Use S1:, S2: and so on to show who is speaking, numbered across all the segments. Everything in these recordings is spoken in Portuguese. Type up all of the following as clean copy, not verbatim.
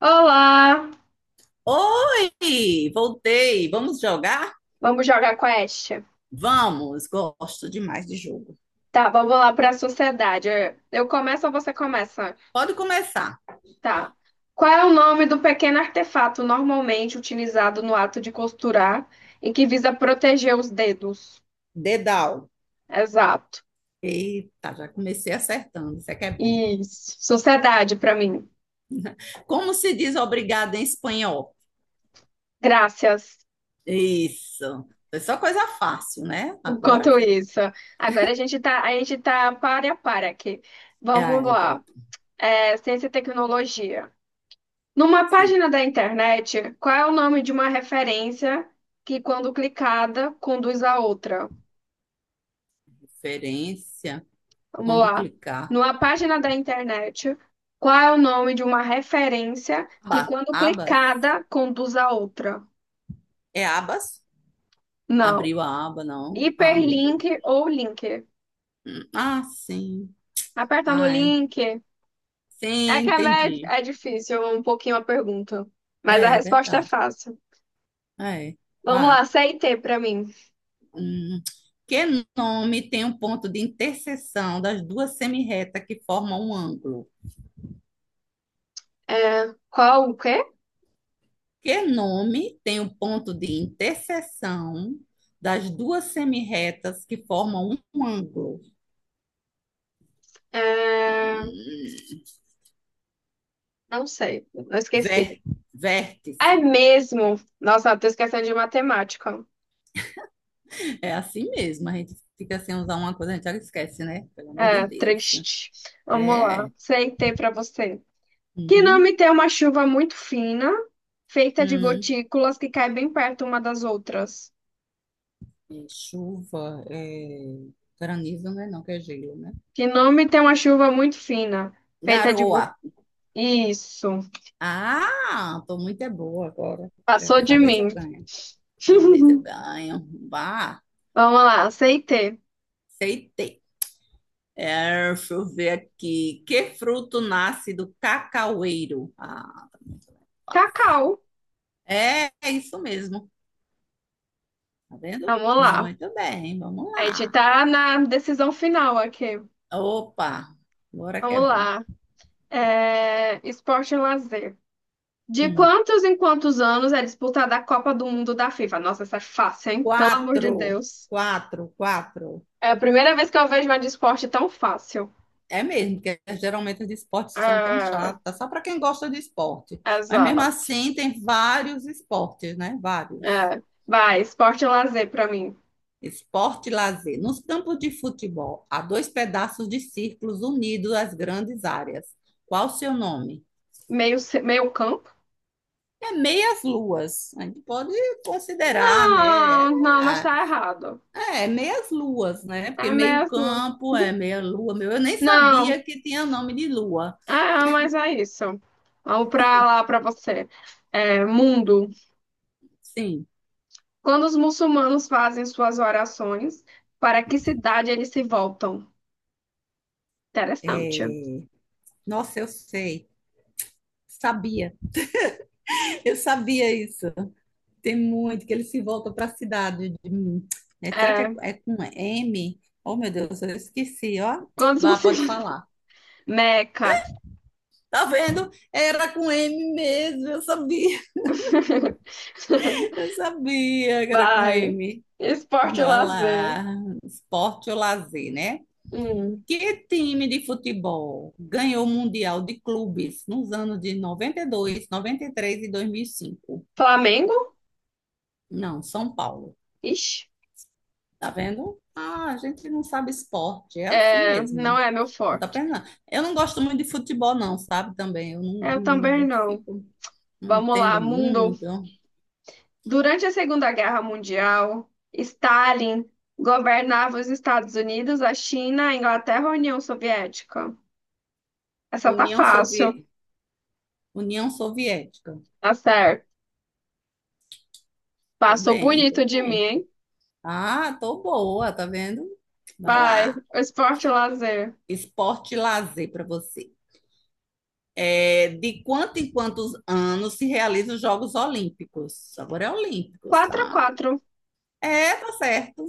S1: Olá!
S2: Oi, voltei. Vamos jogar?
S1: Vamos jogar quest?
S2: Vamos, gosto demais de jogo.
S1: Tá, vamos lá para a sociedade. Eu começo ou você começa?
S2: Pode começar.
S1: Tá. Qual é o nome do pequeno artefato normalmente utilizado no ato de costurar e que visa proteger os dedos?
S2: Dedal.
S1: Exato.
S2: Eita, já comecei acertando, isso é que é bom.
S1: Isso. Sociedade para mim.
S2: Como se diz obrigado em espanhol?
S1: Graças.
S2: Isso. Foi só coisa fácil, né? Agora
S1: Enquanto
S2: foi.
S1: isso, agora a gente tá pare a par aqui.
S2: É,
S1: Vamos
S2: aí,
S1: lá.
S2: pronto.
S1: É, ciência e tecnologia. Numa
S2: Sim,
S1: página da internet, qual é o nome de uma referência que, quando clicada, conduz a outra?
S2: referência.
S1: Vamos
S2: Quando
S1: lá.
S2: clicar.
S1: Numa página da internet, qual é o nome de uma referência que,
S2: Aba,
S1: quando
S2: abas.
S1: clicada, conduz a outra?
S2: É abas?
S1: Não.
S2: Abriu a aba, não. Ah, meu Deus.
S1: Hiperlink ou link?
S2: Hum. Ah, sim.
S1: Aperta no
S2: Ai.
S1: link. É
S2: Sim,
S1: que é, med-
S2: entendi.
S1: é difícil um pouquinho a pergunta, mas a
S2: É
S1: resposta é
S2: verdade.
S1: fácil.
S2: É,
S1: Vamos lá,
S2: vá.
S1: C e T pra mim.
S2: Hum, que nome tem um ponto de interseção das duas semirretas que formam um ângulo?
S1: É, qual o quê?
S2: Que nome tem um ponto de interseção das duas semirretas que formam um ângulo?
S1: É,
S2: Hum,
S1: não sei, eu esqueci.
S2: Vé,
S1: É
S2: vértice.
S1: mesmo. Nossa, tô esquecendo de matemática.
S2: É assim mesmo, a gente fica sem usar uma coisa, a gente já esquece, né? Pelo amor de
S1: É,
S2: Deus.
S1: triste. Vamos lá.
S2: É.
S1: Aceitei pra você. Que
S2: Uhum.
S1: nome tem uma chuva muito fina, feita de
S2: Hum.
S1: gotículas que caem bem perto uma das outras?
S2: É chuva, é granizo, né? Não, que é gelo, né?
S1: Que nome tem uma chuva muito fina, feita de...
S2: Garoa.
S1: go- Isso.
S2: Ah, tô muito é boa agora.
S1: Passou
S2: Dessa
S1: de
S2: vez
S1: mim.
S2: eu ganho. Dessa vez eu ganho. Bah,
S1: Vamos lá, aceitei.
S2: aceitei. É, deixa eu ver aqui. Que fruto nasce do cacaueiro? Ah, tá muito bem. Fácil.
S1: Cacau.
S2: É, é isso mesmo. Tá vendo?
S1: Vamos lá.
S2: Muito bem, vamos
S1: A gente
S2: lá.
S1: tá na decisão final aqui.
S2: Opa, agora que é
S1: Vamos
S2: bom.
S1: lá. É, esporte e lazer. De
S2: Hum,
S1: quantos em quantos anos é disputada a Copa do Mundo da FIFA? Nossa, essa é fácil, hein? Pelo amor de
S2: quatro,
S1: Deus.
S2: quatro, quatro.
S1: É a primeira vez que eu vejo uma de esporte tão fácil.
S2: É mesmo, porque geralmente os de esporte são tão
S1: Ah,
S2: chatas, só para quem gosta de esporte. Mas mesmo
S1: exato.
S2: assim, tem vários esportes, né? Vários.
S1: É. Vai, esporte e lazer pra mim.
S2: Esporte e lazer. Nos campos de futebol, há dois pedaços de círculos unidos às grandes áreas. Qual o seu nome?
S1: Meio campo?
S2: É meias luas. A gente pode considerar, né? É,
S1: Não, mas tá errado.
S2: é meias luas, né?
S1: É
S2: Porque meio
S1: mesmo?
S2: campo é meia lua. Meu, eu nem
S1: Não.
S2: sabia que tinha nome de lua.
S1: Ah, mas é isso. Vamos pra lá, pra você. É, mundo.
S2: Sim.
S1: Quando os muçulmanos fazem suas orações, para que cidade eles se voltam? Interessante.
S2: é, Nossa, eu sei. Sabia, eu sabia isso. Tem muito que ele se volta para a cidade. Né? Será que
S1: É,
S2: é, é com M? Oh, meu Deus, eu esqueci, ó.
S1: quantos
S2: Vá, pode
S1: você.
S2: falar.
S1: Meca.
S2: Tá vendo? Era com M mesmo, eu sabia. Eu sabia que era com
S1: Vai.
S2: M.
S1: Esporte e
S2: Vá
S1: lazer.
S2: lá. Esporte ou lazer, né?
S1: Hum.
S2: Que time de futebol ganhou o Mundial de Clubes nos anos de 92, 93 e 2005?
S1: Flamengo?
S2: Não, São Paulo.
S1: Ixi.
S2: Tá vendo? Ah, a gente não sabe esporte, é assim
S1: É, não
S2: mesmo.
S1: é meu
S2: Não tá
S1: forte.
S2: pensando. Eu não gosto muito de futebol, não, sabe? Também, eu não,
S1: Eu
S2: não me
S1: também não.
S2: identifico, não
S1: Vamos lá,
S2: entendo
S1: mundo.
S2: muito.
S1: Durante a Segunda Guerra Mundial, Stalin governava os Estados Unidos, a China, a Inglaterra ou a União Soviética? Essa tá
S2: União
S1: fácil.
S2: Soviética. União Soviética.
S1: Tá certo.
S2: Tô
S1: Passou
S2: bem, tô
S1: bonito de mim,
S2: bem.
S1: hein?
S2: Ah, tô boa, tá vendo? Vai
S1: Vai.
S2: lá.
S1: Esporte e lazer.
S2: Esporte e lazer para você. É, de quanto em quantos anos se realizam os Jogos Olímpicos? Agora é Olímpicos,
S1: Quatro, x
S2: tá?
S1: 4.
S2: É, tá certo.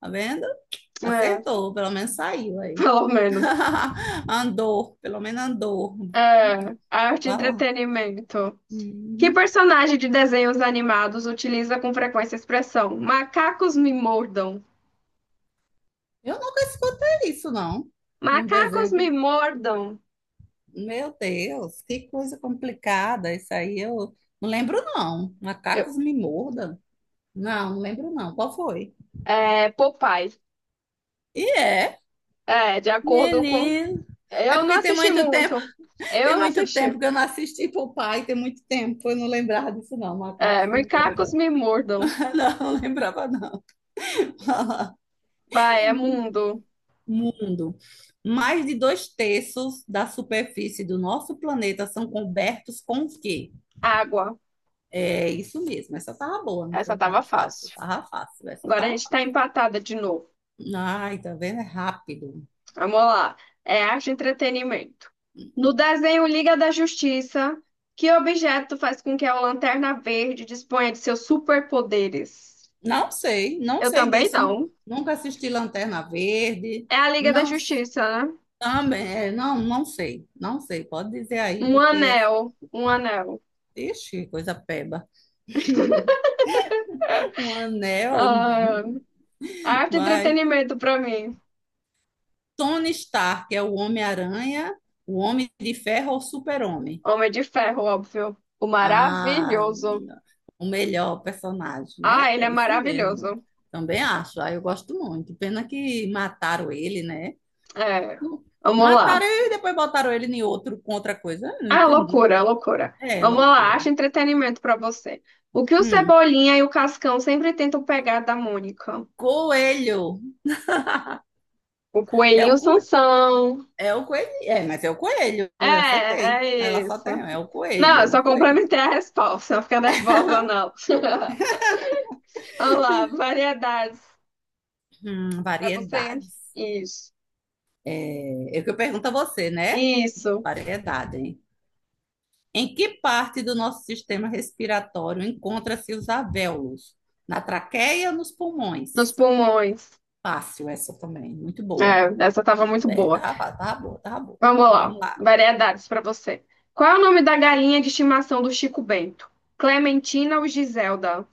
S2: Tá vendo? Acertou, pelo menos saiu aí.
S1: Pelo menos.
S2: Andor, pelo menos andor.
S1: É, arte e
S2: Vai lá.
S1: entretenimento. Que
S2: Uhum.
S1: personagem de desenhos animados utiliza com frequência a expressão macacos me mordam?
S2: Eu nunca escutei isso, não. Num
S1: Macacos
S2: desenho.
S1: me
S2: que-
S1: mordam.
S2: Meu Deus, que coisa complicada. Isso aí eu não lembro, não.
S1: Eu-
S2: Macacos me mordam. Não, não lembro, não. Qual foi?
S1: é, Popeye.
S2: E é,
S1: É, de acordo com.
S2: menino. É
S1: Eu não
S2: porque
S1: assisti muito.
S2: tem
S1: Eu não
S2: muito
S1: assisti.
S2: tempo que eu não assisti pro pai, tem muito tempo. Eu não lembrava disso, não.
S1: É,
S2: Macacos me
S1: macacos
S2: mordam.
S1: me mordam.
S2: Não, não lembrava, não.
S1: Vai, é mundo.
S2: Mundo. Mais de dois terços da superfície do nosso planeta são cobertos com o quê?
S1: Água.
S2: É isso mesmo. Essa tava boa, não
S1: Essa
S2: foi?
S1: tava
S2: Tava fácil,
S1: fácil.
S2: tava fácil. Essa
S1: Agora a
S2: tava
S1: gente tá
S2: fácil.
S1: empatada de novo.
S2: Ai, tá vendo? É rápido.
S1: Vamos lá. É arte e entretenimento. No desenho Liga da Justiça, que objeto faz com que a Lanterna Verde disponha de seus superpoderes?
S2: Não sei, não
S1: Eu
S2: sei
S1: também
S2: disso.
S1: não.
S2: Nunca assisti Lanterna Verde.
S1: É a Liga da
S2: Não,
S1: Justiça, né?
S2: também, não, não sei, não sei. Pode dizer aí,
S1: Um
S2: porque,
S1: anel. Um anel.
S2: ixi, coisa peba. Um anel,
S1: Ah, arte e
S2: vai.
S1: entretenimento pra mim.
S2: Tony Stark é o Homem-Aranha, o Homem de Ferro ou o Super-Homem?
S1: Homem de Ferro, óbvio. O
S2: Ah,
S1: maravilhoso.
S2: o melhor personagem, né?
S1: Ah, ele é
S2: É esse mesmo.
S1: maravilhoso.
S2: Também acho. Ah, eu gosto muito. Pena que mataram ele, né?
S1: É.
S2: Não-
S1: Vamos lá.
S2: Mataram ele e depois botaram ele em outro com outra coisa. Eu não
S1: Ah,
S2: entendi.
S1: loucura, loucura.
S2: É
S1: Vamos lá,
S2: loucura.
S1: acha entretenimento pra você. O que o
S2: Hum.
S1: Cebolinha e o Cascão sempre tentam pegar da Mônica?
S2: Coelho.
S1: O
S2: É
S1: coelhinho e
S2: o
S1: o
S2: co,
S1: Sansão.
S2: É o coelho. É, mas é o coelho.
S1: É,
S2: Eu acertei.
S1: é
S2: Ela só
S1: isso.
S2: tem. É o
S1: Não, eu
S2: coelho. O
S1: só
S2: coelho.
S1: complementei a resposta, não fica nervosa, não. Vamos lá, variedades. É você?
S2: Variedades.
S1: Isso.
S2: É o que eu pergunto a você, né?
S1: Isso.
S2: Variedade, hein? Em que parte do nosso sistema respiratório encontra-se os alvéolos? Na traqueia ou nos pulmões?
S1: Nos pulmões.
S2: Fácil essa também, muito boa.
S1: É, essa tava
S2: Muito
S1: muito
S2: bem,
S1: boa.
S2: tava, tava boa, tava boa.
S1: Vamos
S2: Vamos
S1: lá,
S2: lá.
S1: variedades pra você. Qual é o nome da galinha de estimação do Chico Bento? Clementina ou Giselda?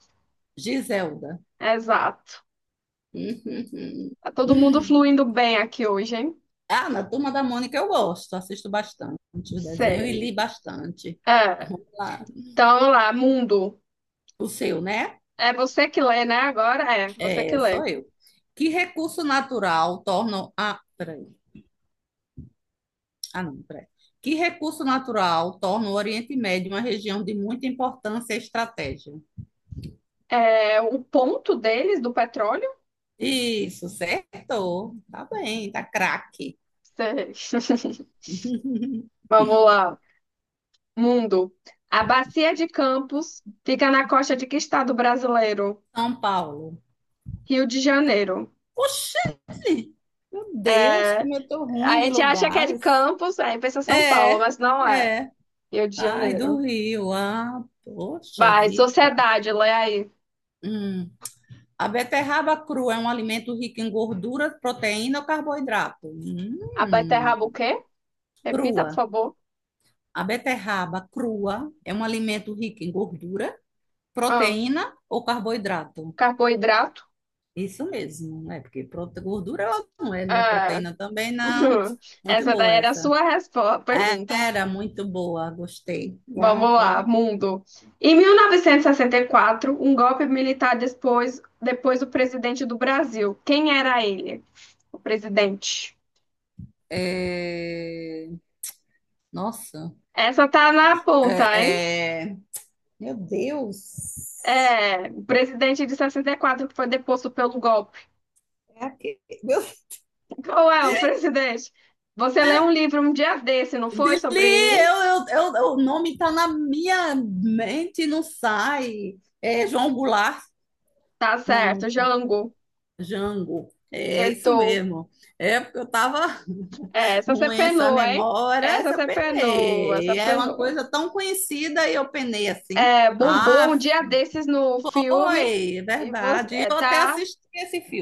S2: Giselda.
S1: Exato. Tá todo mundo fluindo bem aqui hoje, hein?
S2: Ah, na Turma da Mônica eu gosto, assisto bastante o desenho e
S1: Sei.
S2: li bastante.
S1: É,
S2: Vamos lá.
S1: então, vamos lá, mundo.
S2: O seu, né?
S1: É você que lê, né? Agora é, você que
S2: É,
S1: lê.
S2: sou eu. Que recurso natural torna a... peraí. Ah, não, peraí. Que recurso natural torna o Oriente Médio uma região de muita importância e estratégia?
S1: É o ponto deles do petróleo?
S2: Isso, certo. Tá bem, tá craque.
S1: Sei. Vamos lá. Mundo. A bacia de Campos fica na costa de que estado brasileiro?
S2: São Paulo.
S1: Rio de Janeiro.
S2: Oxi! Meu Deus, como eu tô ruim
S1: A
S2: de
S1: gente acha que é de
S2: lugares.
S1: Campos, aí pensa São Paulo,
S2: É,
S1: mas não é.
S2: é.
S1: Rio de
S2: Ai, do
S1: Janeiro.
S2: Rio. Ah, poxa
S1: Vai,
S2: vida.
S1: sociedade, lê aí.
S2: Hum. A beterraba crua é um alimento rico em gordura, proteína ou carboidrato?
S1: A
S2: Hum.
S1: beterraba o quê? Repita, por
S2: Crua.
S1: favor.
S2: A beterraba crua é um alimento rico em gordura,
S1: Ah.
S2: proteína ou carboidrato.
S1: Carboidrato?
S2: Isso mesmo, né? Porque gordura ela não é, né?
S1: Ah,
S2: Proteína também não. Muito
S1: essa daí
S2: boa
S1: era a
S2: essa.
S1: sua resposta, pergunta.
S2: Era muito boa, gostei. Ah,
S1: Vamos lá,
S2: pode.
S1: mundo. Em 1964, um golpe militar depois o presidente do Brasil. Quem era ele? O presidente.
S2: É, Nossa.
S1: Essa tá na ponta, hein?
S2: É, é, Meu Deus.
S1: É, o presidente de 64 que foi deposto pelo golpe.
S2: É aquele... Meu...
S1: Qual é o presidente? Você leu um livro um dia desse, não foi?
S2: Dili,
S1: Sobre.
S2: eu, o nome tá na minha mente, e não sai. É João Goulart?
S1: Tá
S2: Não.
S1: certo, Jango.
S2: Jango. É isso
S1: Acertou.
S2: mesmo. É porque eu tava
S1: Essa você
S2: ruim essa
S1: penou, hein?
S2: memória,
S1: Essa
S2: essa eu
S1: você penou,
S2: penei. E
S1: essa
S2: É uma
S1: penou.
S2: coisa tão conhecida e eu penei assim.
S1: É, bombou um
S2: Ah,
S1: dia desses no filme
S2: foi, é
S1: e você
S2: verdade. E
S1: é,
S2: eu até
S1: tá
S2: assisti esse filme.